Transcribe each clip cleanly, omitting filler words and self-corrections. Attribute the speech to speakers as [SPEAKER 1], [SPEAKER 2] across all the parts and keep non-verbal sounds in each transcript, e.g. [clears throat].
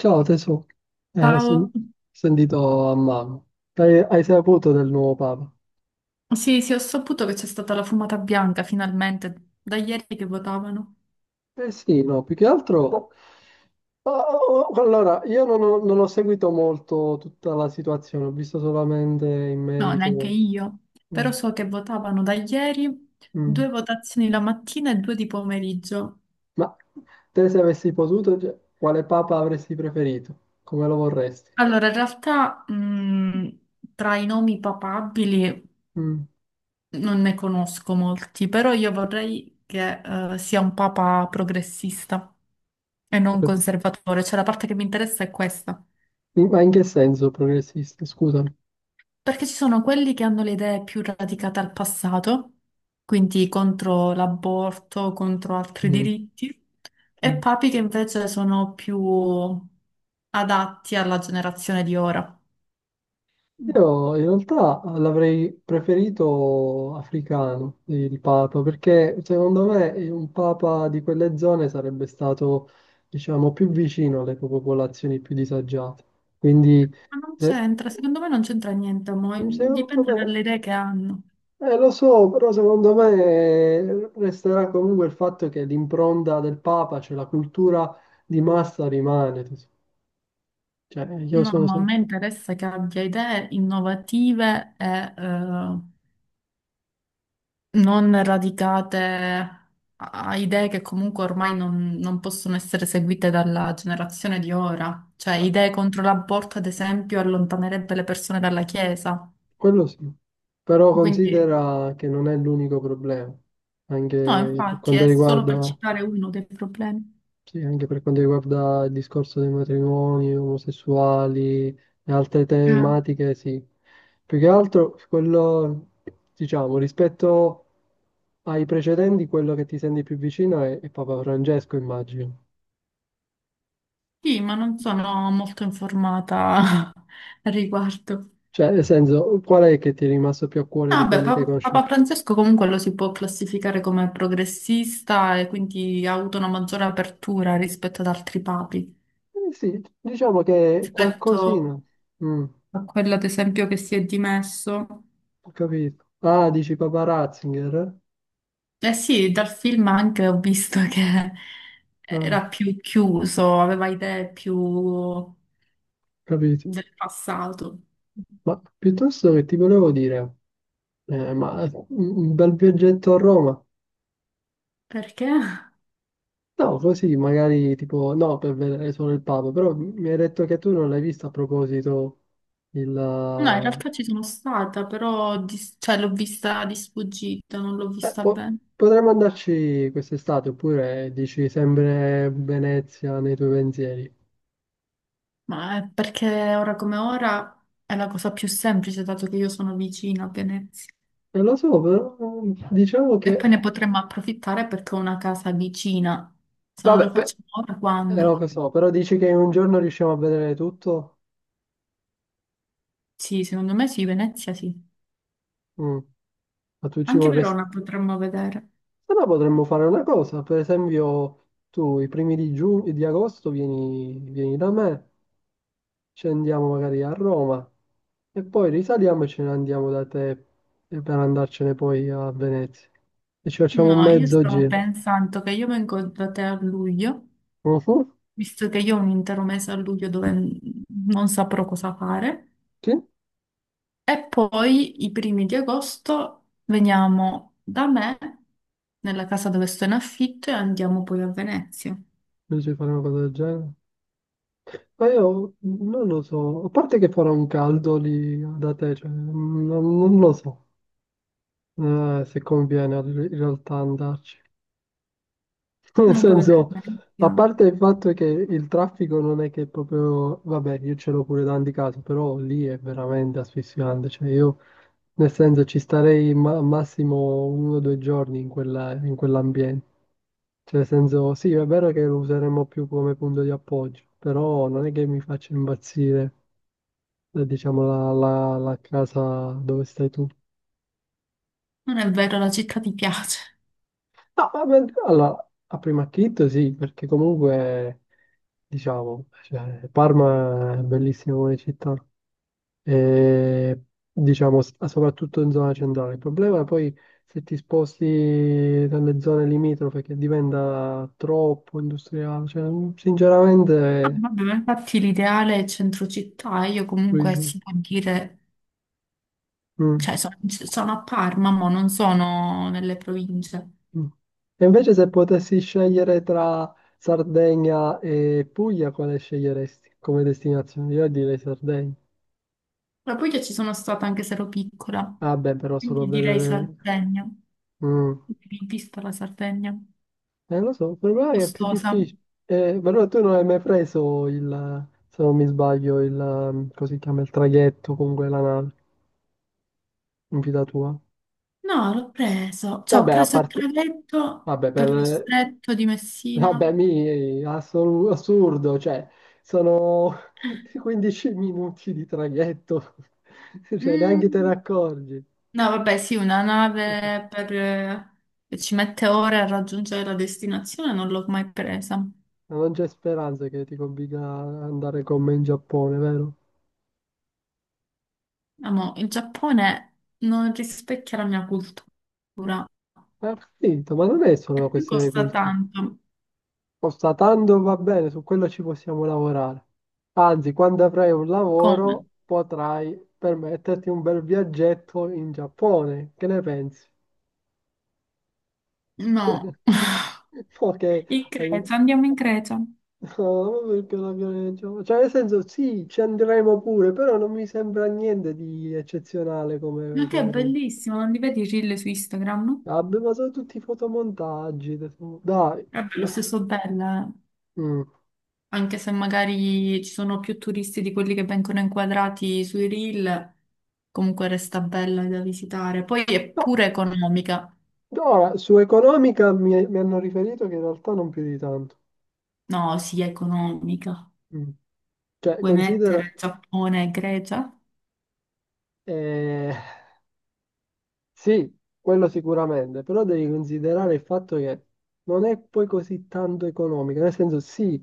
[SPEAKER 1] Ciao tesoro, ho sen-
[SPEAKER 2] Ciao.
[SPEAKER 1] sentito a mano. Hai saputo del nuovo Papa?
[SPEAKER 2] Sì, sì, ho saputo che c'è stata la fumata bianca finalmente, da ieri che votavano.
[SPEAKER 1] Eh sì, no, più che altro... Ah, oh, oh, allora, io non ho seguito molto tutta la situazione, ho visto solamente in
[SPEAKER 2] No, neanche
[SPEAKER 1] merito...
[SPEAKER 2] io,
[SPEAKER 1] Mm,
[SPEAKER 2] però so che votavano da ieri
[SPEAKER 1] mm.
[SPEAKER 2] due votazioni la mattina e due di pomeriggio.
[SPEAKER 1] Ma te, se avessi potuto, cioè, quale Papa avresti preferito? Come lo vorresti?
[SPEAKER 2] Allora, in realtà, tra i nomi papabili
[SPEAKER 1] Mm.
[SPEAKER 2] non ne conosco molti, però io vorrei che, sia un papa progressista e non conservatore, cioè la parte che mi interessa è questa.
[SPEAKER 1] Ma in che senso progressista? Scusami.
[SPEAKER 2] Perché ci sono quelli che hanno le idee più radicate al passato, quindi contro l'aborto, contro altri
[SPEAKER 1] Mm.
[SPEAKER 2] diritti, e
[SPEAKER 1] Mm.
[SPEAKER 2] papi che invece sono più adatti alla generazione di ora. Ma
[SPEAKER 1] Io in realtà l'avrei preferito africano, il Papa, perché secondo me un Papa di quelle zone sarebbe stato, diciamo, più vicino alle popolazioni più disagiate. Quindi,
[SPEAKER 2] non
[SPEAKER 1] se,
[SPEAKER 2] c'entra, secondo me non c'entra niente,
[SPEAKER 1] secondo
[SPEAKER 2] dipende
[SPEAKER 1] me,
[SPEAKER 2] dalle idee che hanno.
[SPEAKER 1] lo so, però secondo me, resterà comunque il fatto che l'impronta del Papa, cioè la cultura di massa rimane. Cioè, io
[SPEAKER 2] No,
[SPEAKER 1] sono
[SPEAKER 2] ma a
[SPEAKER 1] sempre...
[SPEAKER 2] me interessa che abbia idee innovative e non radicate a a idee che comunque ormai non possono essere seguite dalla generazione di ora. Cioè, idee contro l'aborto, ad esempio, allontanerebbe le persone dalla Chiesa.
[SPEAKER 1] Quello sì, però
[SPEAKER 2] Quindi,
[SPEAKER 1] considera che non è l'unico problema,
[SPEAKER 2] no,
[SPEAKER 1] anche per
[SPEAKER 2] infatti,
[SPEAKER 1] quanto
[SPEAKER 2] è solo per
[SPEAKER 1] riguarda,
[SPEAKER 2] citare uno dei problemi.
[SPEAKER 1] sì, anche per quanto riguarda il discorso dei matrimoni omosessuali e altre
[SPEAKER 2] Ah.
[SPEAKER 1] tematiche, sì. Più che altro, quello, diciamo, rispetto ai precedenti, quello che ti senti più vicino è Papa Francesco, immagino.
[SPEAKER 2] Sì, ma non sono molto informata [laughs] al riguardo.
[SPEAKER 1] Cioè, nel senso, qual è che ti è rimasto più a cuore di
[SPEAKER 2] Vabbè,
[SPEAKER 1] quelli che hai
[SPEAKER 2] Papa
[SPEAKER 1] conosciuto?
[SPEAKER 2] Francesco comunque lo si può classificare come progressista e quindi ha avuto una maggiore apertura rispetto ad altri papi.
[SPEAKER 1] Eh sì, diciamo che
[SPEAKER 2] Rispetto
[SPEAKER 1] qualcosina. Mm.
[SPEAKER 2] a quello ad esempio che si è dimesso.
[SPEAKER 1] Ho capito. Ah, dici Papa Ratzinger, eh?
[SPEAKER 2] Eh sì, dal film anche ho visto [laughs] che
[SPEAKER 1] Ah, ho
[SPEAKER 2] era più chiuso, aveva idee più
[SPEAKER 1] capito.
[SPEAKER 2] del passato.
[SPEAKER 1] Ma piuttosto che ti volevo dire, ma un bel viaggetto a Roma?
[SPEAKER 2] Perché? No,
[SPEAKER 1] No, così magari tipo, no, per vedere solo il Papa, però mi hai detto che tu non l'hai visto a proposito il...
[SPEAKER 2] in realtà ci sono stata, però cioè, l'ho vista di sfuggita, non l'ho
[SPEAKER 1] eh,
[SPEAKER 2] vista
[SPEAKER 1] po-
[SPEAKER 2] bene.
[SPEAKER 1] potremmo andarci quest'estate, oppure dici sempre Venezia nei tuoi pensieri.
[SPEAKER 2] Ma è perché ora come ora è la cosa più semplice, dato che io sono vicina a Venezia.
[SPEAKER 1] Non lo so, però, diciamo
[SPEAKER 2] E
[SPEAKER 1] che...
[SPEAKER 2] poi ne potremmo approfittare perché ho una casa vicina. Se non
[SPEAKER 1] Vabbè,
[SPEAKER 2] lo
[SPEAKER 1] pe-
[SPEAKER 2] facciamo ora, quando?
[SPEAKER 1] lo so, però dici che in un giorno riusciamo a vedere tutto?
[SPEAKER 2] Sì, secondo me sì, Venezia sì.
[SPEAKER 1] Mm. Ma tu ci
[SPEAKER 2] Anche
[SPEAKER 1] vorresti...
[SPEAKER 2] Verona potremmo vedere.
[SPEAKER 1] Se no potremmo fare una cosa, per esempio tu i primi di giugno, di agosto vieni, vieni da me, scendiamo magari a Roma e poi risaliamo e ce ne andiamo da te e per andarcene poi a Venezia. E ci facciamo un
[SPEAKER 2] No, io
[SPEAKER 1] mezzo
[SPEAKER 2] stavo
[SPEAKER 1] giro.
[SPEAKER 2] pensando che io vengo da te a luglio,
[SPEAKER 1] Mhm.
[SPEAKER 2] visto che io ho un intero mese a luglio dove non saprò cosa fare,
[SPEAKER 1] Sì?
[SPEAKER 2] e poi i primi di agosto veniamo da me, nella casa dove sto in affitto, e andiamo poi a Venezia.
[SPEAKER 1] Invece fare una cosa del genere? Ma io non lo so, a parte che farà un caldo lì da te, cioè, non lo so, se conviene in realtà andarci. [laughs] Nel
[SPEAKER 2] Non puoi vedere
[SPEAKER 1] senso, a
[SPEAKER 2] Venezia.
[SPEAKER 1] parte il fatto che il traffico non è che proprio, vabbè, io ce l'ho pure tanti casi, però lì è veramente asfissiante. Cioè, io nel senso ci starei massimo uno o due giorni in in quell'ambiente. Cioè, nel senso, sì, è vero che lo useremo più come punto di appoggio, però non è che mi faccia impazzire, diciamo, la casa dove stai tu.
[SPEAKER 2] Non è vero, la città ti piace.
[SPEAKER 1] No, vabbè, allora, a prima acchitto sì, perché comunque, diciamo, cioè, Parma è bellissima come città, e, diciamo soprattutto in zona centrale. Il problema è poi se ti sposti dalle zone limitrofe che diventa troppo industriale, cioè, mm,
[SPEAKER 2] Ah,
[SPEAKER 1] sinceramente
[SPEAKER 2] vabbè, ma infatti l'ideale è centro città, io comunque
[SPEAKER 1] Luigi,
[SPEAKER 2] si può dire
[SPEAKER 1] mm,
[SPEAKER 2] cioè sono, sono a Parma, ma non sono nelle province.
[SPEAKER 1] mm. E invece se potessi scegliere tra Sardegna e Puglia, quale sceglieresti come destinazione? Io direi Sardegna.
[SPEAKER 2] La Puglia ci sono stata anche se ero piccola,
[SPEAKER 1] Vabbè, però solo a
[SPEAKER 2] quindi direi
[SPEAKER 1] vedere...
[SPEAKER 2] Sardegna.
[SPEAKER 1] mm.
[SPEAKER 2] Quindi vista la Sardegna,
[SPEAKER 1] Lo so, però è più
[SPEAKER 2] costosa.
[SPEAKER 1] difficile. Però tu non hai mai preso il, se non mi sbaglio, il, così si chiama, il traghetto, comunque la nave, in vita tua.
[SPEAKER 2] No, l'ho preso, cioè ho
[SPEAKER 1] Vabbè, a
[SPEAKER 2] preso il
[SPEAKER 1] parte,
[SPEAKER 2] traghetto
[SPEAKER 1] vabbè,
[SPEAKER 2] per lo
[SPEAKER 1] per,
[SPEAKER 2] stretto di Messina.
[SPEAKER 1] vabbè, mi, assurdo, cioè, sono [laughs] 15 minuti di traghetto, [laughs] cioè, neanche te ne
[SPEAKER 2] Mm.
[SPEAKER 1] accorgi.
[SPEAKER 2] No, vabbè, sì, una nave per, che ci mette ore a raggiungere la destinazione non l'ho mai presa.
[SPEAKER 1] Ma non c'è speranza che ti convinca ad andare con me in Giappone, vero?
[SPEAKER 2] Amo, il Giappone non rispecchia la mia cultura.
[SPEAKER 1] Ho capito, ma non è solo
[SPEAKER 2] E
[SPEAKER 1] una
[SPEAKER 2] poi
[SPEAKER 1] questione di
[SPEAKER 2] costa
[SPEAKER 1] cultura.
[SPEAKER 2] tanto.
[SPEAKER 1] Constatando va bene, su quello ci possiamo lavorare. Anzi, quando avrai un
[SPEAKER 2] Come?
[SPEAKER 1] lavoro potrai permetterti un bel viaggetto in Giappone. Che ne pensi?
[SPEAKER 2] No. [laughs]
[SPEAKER 1] [laughs] Ok,
[SPEAKER 2] In
[SPEAKER 1] hai in-
[SPEAKER 2] Grecia, andiamo in Grecia. Ma
[SPEAKER 1] [laughs] no, perché la violenza? Cioè, nel senso, sì, ci andremo pure, però non mi sembra niente di eccezionale come...
[SPEAKER 2] che è
[SPEAKER 1] come... come-
[SPEAKER 2] bellissimo, non li vedi i reel su Instagram?
[SPEAKER 1] Vabbè, ma sono tutti fotomontaggi. Adesso- Dai.
[SPEAKER 2] Vabbè, lo
[SPEAKER 1] [clears throat]
[SPEAKER 2] stesso bella,
[SPEAKER 1] Mm.
[SPEAKER 2] anche se magari ci sono più turisti di quelli che vengono inquadrati sui reel, comunque resta bella da visitare. Poi è
[SPEAKER 1] No,
[SPEAKER 2] pure economica.
[SPEAKER 1] ora su economica mi hanno riferito che in realtà non più di tanto.
[SPEAKER 2] No, sì, è economica.
[SPEAKER 1] Mm. Cioè,
[SPEAKER 2] Vuoi
[SPEAKER 1] considera,
[SPEAKER 2] mettere Giappone e Grecia?
[SPEAKER 1] eh, sì, quello sicuramente, però devi considerare il fatto che non è poi così tanto economico, nel senso sì,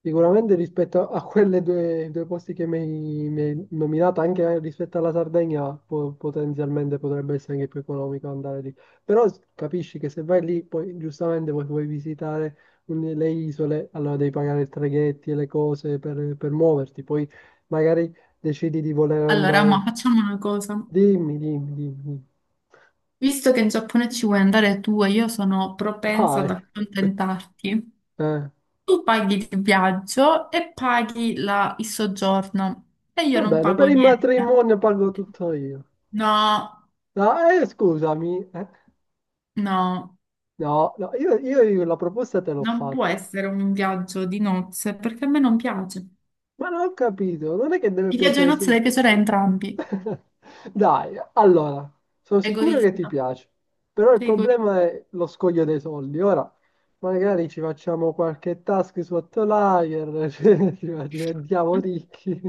[SPEAKER 1] sicuramente rispetto a quelle due posti che mi hai nominato, anche rispetto alla Sardegna, potenzialmente potrebbe essere anche più economico andare lì, però capisci che se vai lì, poi giustamente vuoi visitare le isole, allora devi pagare i traghetti e le cose per muoverti, poi magari decidi di voler
[SPEAKER 2] Allora, ma
[SPEAKER 1] andare.
[SPEAKER 2] facciamo una cosa.
[SPEAKER 1] Dimmi, dimmi, dimmi.
[SPEAKER 2] Visto che in Giappone ci vuoi andare tu e io sono propensa ad
[SPEAKER 1] Dai,
[SPEAKER 2] accontentarti,
[SPEAKER 1] eh.
[SPEAKER 2] tu paghi il viaggio e paghi il soggiorno e io
[SPEAKER 1] Va
[SPEAKER 2] non
[SPEAKER 1] bene,
[SPEAKER 2] pago
[SPEAKER 1] per il
[SPEAKER 2] niente.
[SPEAKER 1] matrimonio pago tutto io.
[SPEAKER 2] No,
[SPEAKER 1] No, scusami, eh.
[SPEAKER 2] no,
[SPEAKER 1] No, no, io la proposta te l'ho
[SPEAKER 2] non può
[SPEAKER 1] fatta.
[SPEAKER 2] essere un viaggio di nozze perché a me non piace.
[SPEAKER 1] Ma non ho capito, non è che deve
[SPEAKER 2] Il viaggio di
[SPEAKER 1] piacere
[SPEAKER 2] nozze
[SPEAKER 1] solo...
[SPEAKER 2] deve piacere a entrambi.
[SPEAKER 1] [laughs] Dai, allora, sono sicuro che ti
[SPEAKER 2] Egoista,
[SPEAKER 1] piace, però il
[SPEAKER 2] sei
[SPEAKER 1] problema
[SPEAKER 2] egoista.
[SPEAKER 1] è lo scoglio dei soldi. Ora, magari ci facciamo qualche task su Outlier, [laughs] cioè, diventiamo ricchi.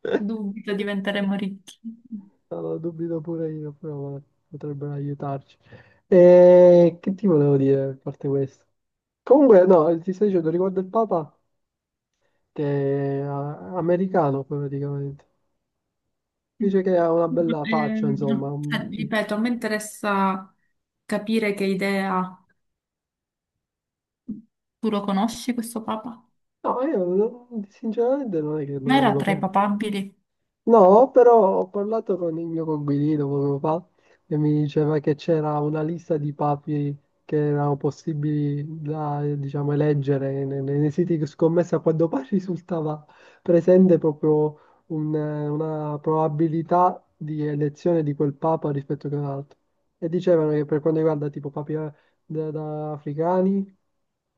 [SPEAKER 1] [laughs]
[SPEAKER 2] Dubito diventeremo ricchi.
[SPEAKER 1] Allora, dubito pure io, però vabbè, potrebbero aiutarci. E che ti volevo dire, a parte questo? Comunque, no, ti stai dicendo riguardo il Papa, che è, ah, americano poi, praticamente.
[SPEAKER 2] Mm.
[SPEAKER 1] Dice che ha una bella faccia, insomma, un-
[SPEAKER 2] Ripeto, a me interessa capire che idea. Tu lo conosci questo papa?
[SPEAKER 1] No, io non- sinceramente non è che
[SPEAKER 2] Ma
[SPEAKER 1] lo,
[SPEAKER 2] era
[SPEAKER 1] lo-
[SPEAKER 2] tra i papabili?
[SPEAKER 1] No, però ho parlato con il mio coinquilino poco fa e mi diceva che c'era una lista di papi che erano possibili da, diciamo, eleggere nei siti di scommessa quando poi [laughs] risultava presente proprio un, una probabilità di elezione di quel papa rispetto che un altro. E dicevano che per quanto riguarda tipo papi, da africani,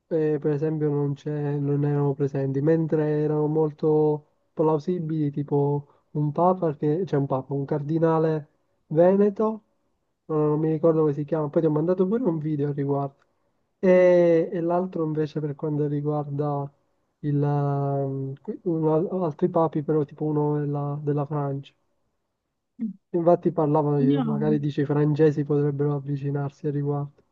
[SPEAKER 1] per esempio non c'è- non erano presenti, mentre erano molto plausibili, tipo un papa che, c'è un papa, un cardinale veneto, no, no, non, mi ricordo come si chiama, poi ti ho mandato pure un video al riguardo. E l'altro invece per quanto riguarda il, altri papi, però tipo uno della, della Francia. Infatti parlavano, di-
[SPEAKER 2] Io no.
[SPEAKER 1] magari dice i francesi potrebbero avvicinarsi al riguardo.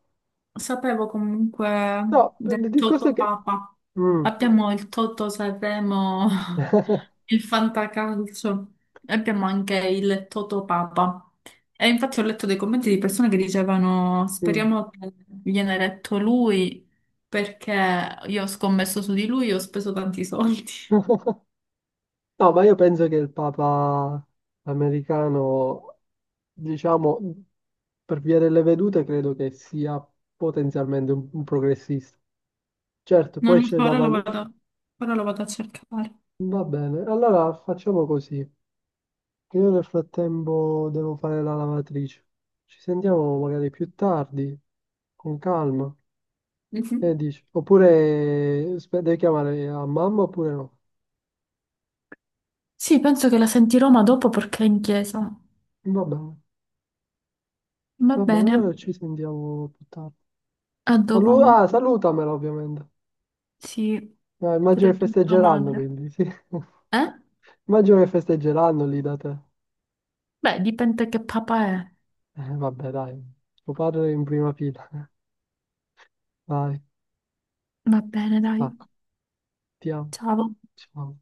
[SPEAKER 2] Sapevo comunque
[SPEAKER 1] No, il
[SPEAKER 2] del
[SPEAKER 1] discorso è
[SPEAKER 2] Toto
[SPEAKER 1] che...
[SPEAKER 2] Papa.
[SPEAKER 1] Mm,
[SPEAKER 2] Abbiamo il Toto Sanremo, [laughs] il Fantacalcio, e abbiamo anche il Toto Papa. E infatti ho letto dei commenti di persone che dicevano:
[SPEAKER 1] mm.
[SPEAKER 2] speriamo che viene eletto lui, perché io ho scommesso su di lui e ho speso tanti soldi. [laughs]
[SPEAKER 1] [laughs] No, ma io penso che il Papa americano, diciamo, per via delle vedute, credo che sia potenzialmente un progressista. Certo,
[SPEAKER 2] Non
[SPEAKER 1] poi
[SPEAKER 2] lo
[SPEAKER 1] c'è
[SPEAKER 2] so,
[SPEAKER 1] da valutare.
[SPEAKER 2] ora lo vado a cercare.
[SPEAKER 1] Va bene, allora facciamo così, che io nel frattempo devo fare la lavatrice. Ci sentiamo magari più tardi, con calma. Che
[SPEAKER 2] Mhm.
[SPEAKER 1] dici? Oppure spe- devi chiamare a mamma oppure no?
[SPEAKER 2] Sì, penso che la sentirò ma dopo perché è in chiesa.
[SPEAKER 1] Va bene,
[SPEAKER 2] Va
[SPEAKER 1] va bene,
[SPEAKER 2] bene,
[SPEAKER 1] allora ci sentiamo più tardi.
[SPEAKER 2] a dopo.
[SPEAKER 1] Salu-
[SPEAKER 2] Mo.
[SPEAKER 1] ah, salutamela ovviamente.
[SPEAKER 2] Sì.
[SPEAKER 1] No, immagino che
[SPEAKER 2] Pure tu, tua
[SPEAKER 1] festeggeranno
[SPEAKER 2] madre.
[SPEAKER 1] quindi, sì.
[SPEAKER 2] Eh?
[SPEAKER 1] [laughs] Immagino che festeggeranno lì da te.
[SPEAKER 2] Beh, dipende che papà è.
[SPEAKER 1] Vabbè, dai, tuo padre in prima fila. Dai,
[SPEAKER 2] Va bene, dai.
[SPEAKER 1] stacco, ti amo,
[SPEAKER 2] Ciao.
[SPEAKER 1] ciao.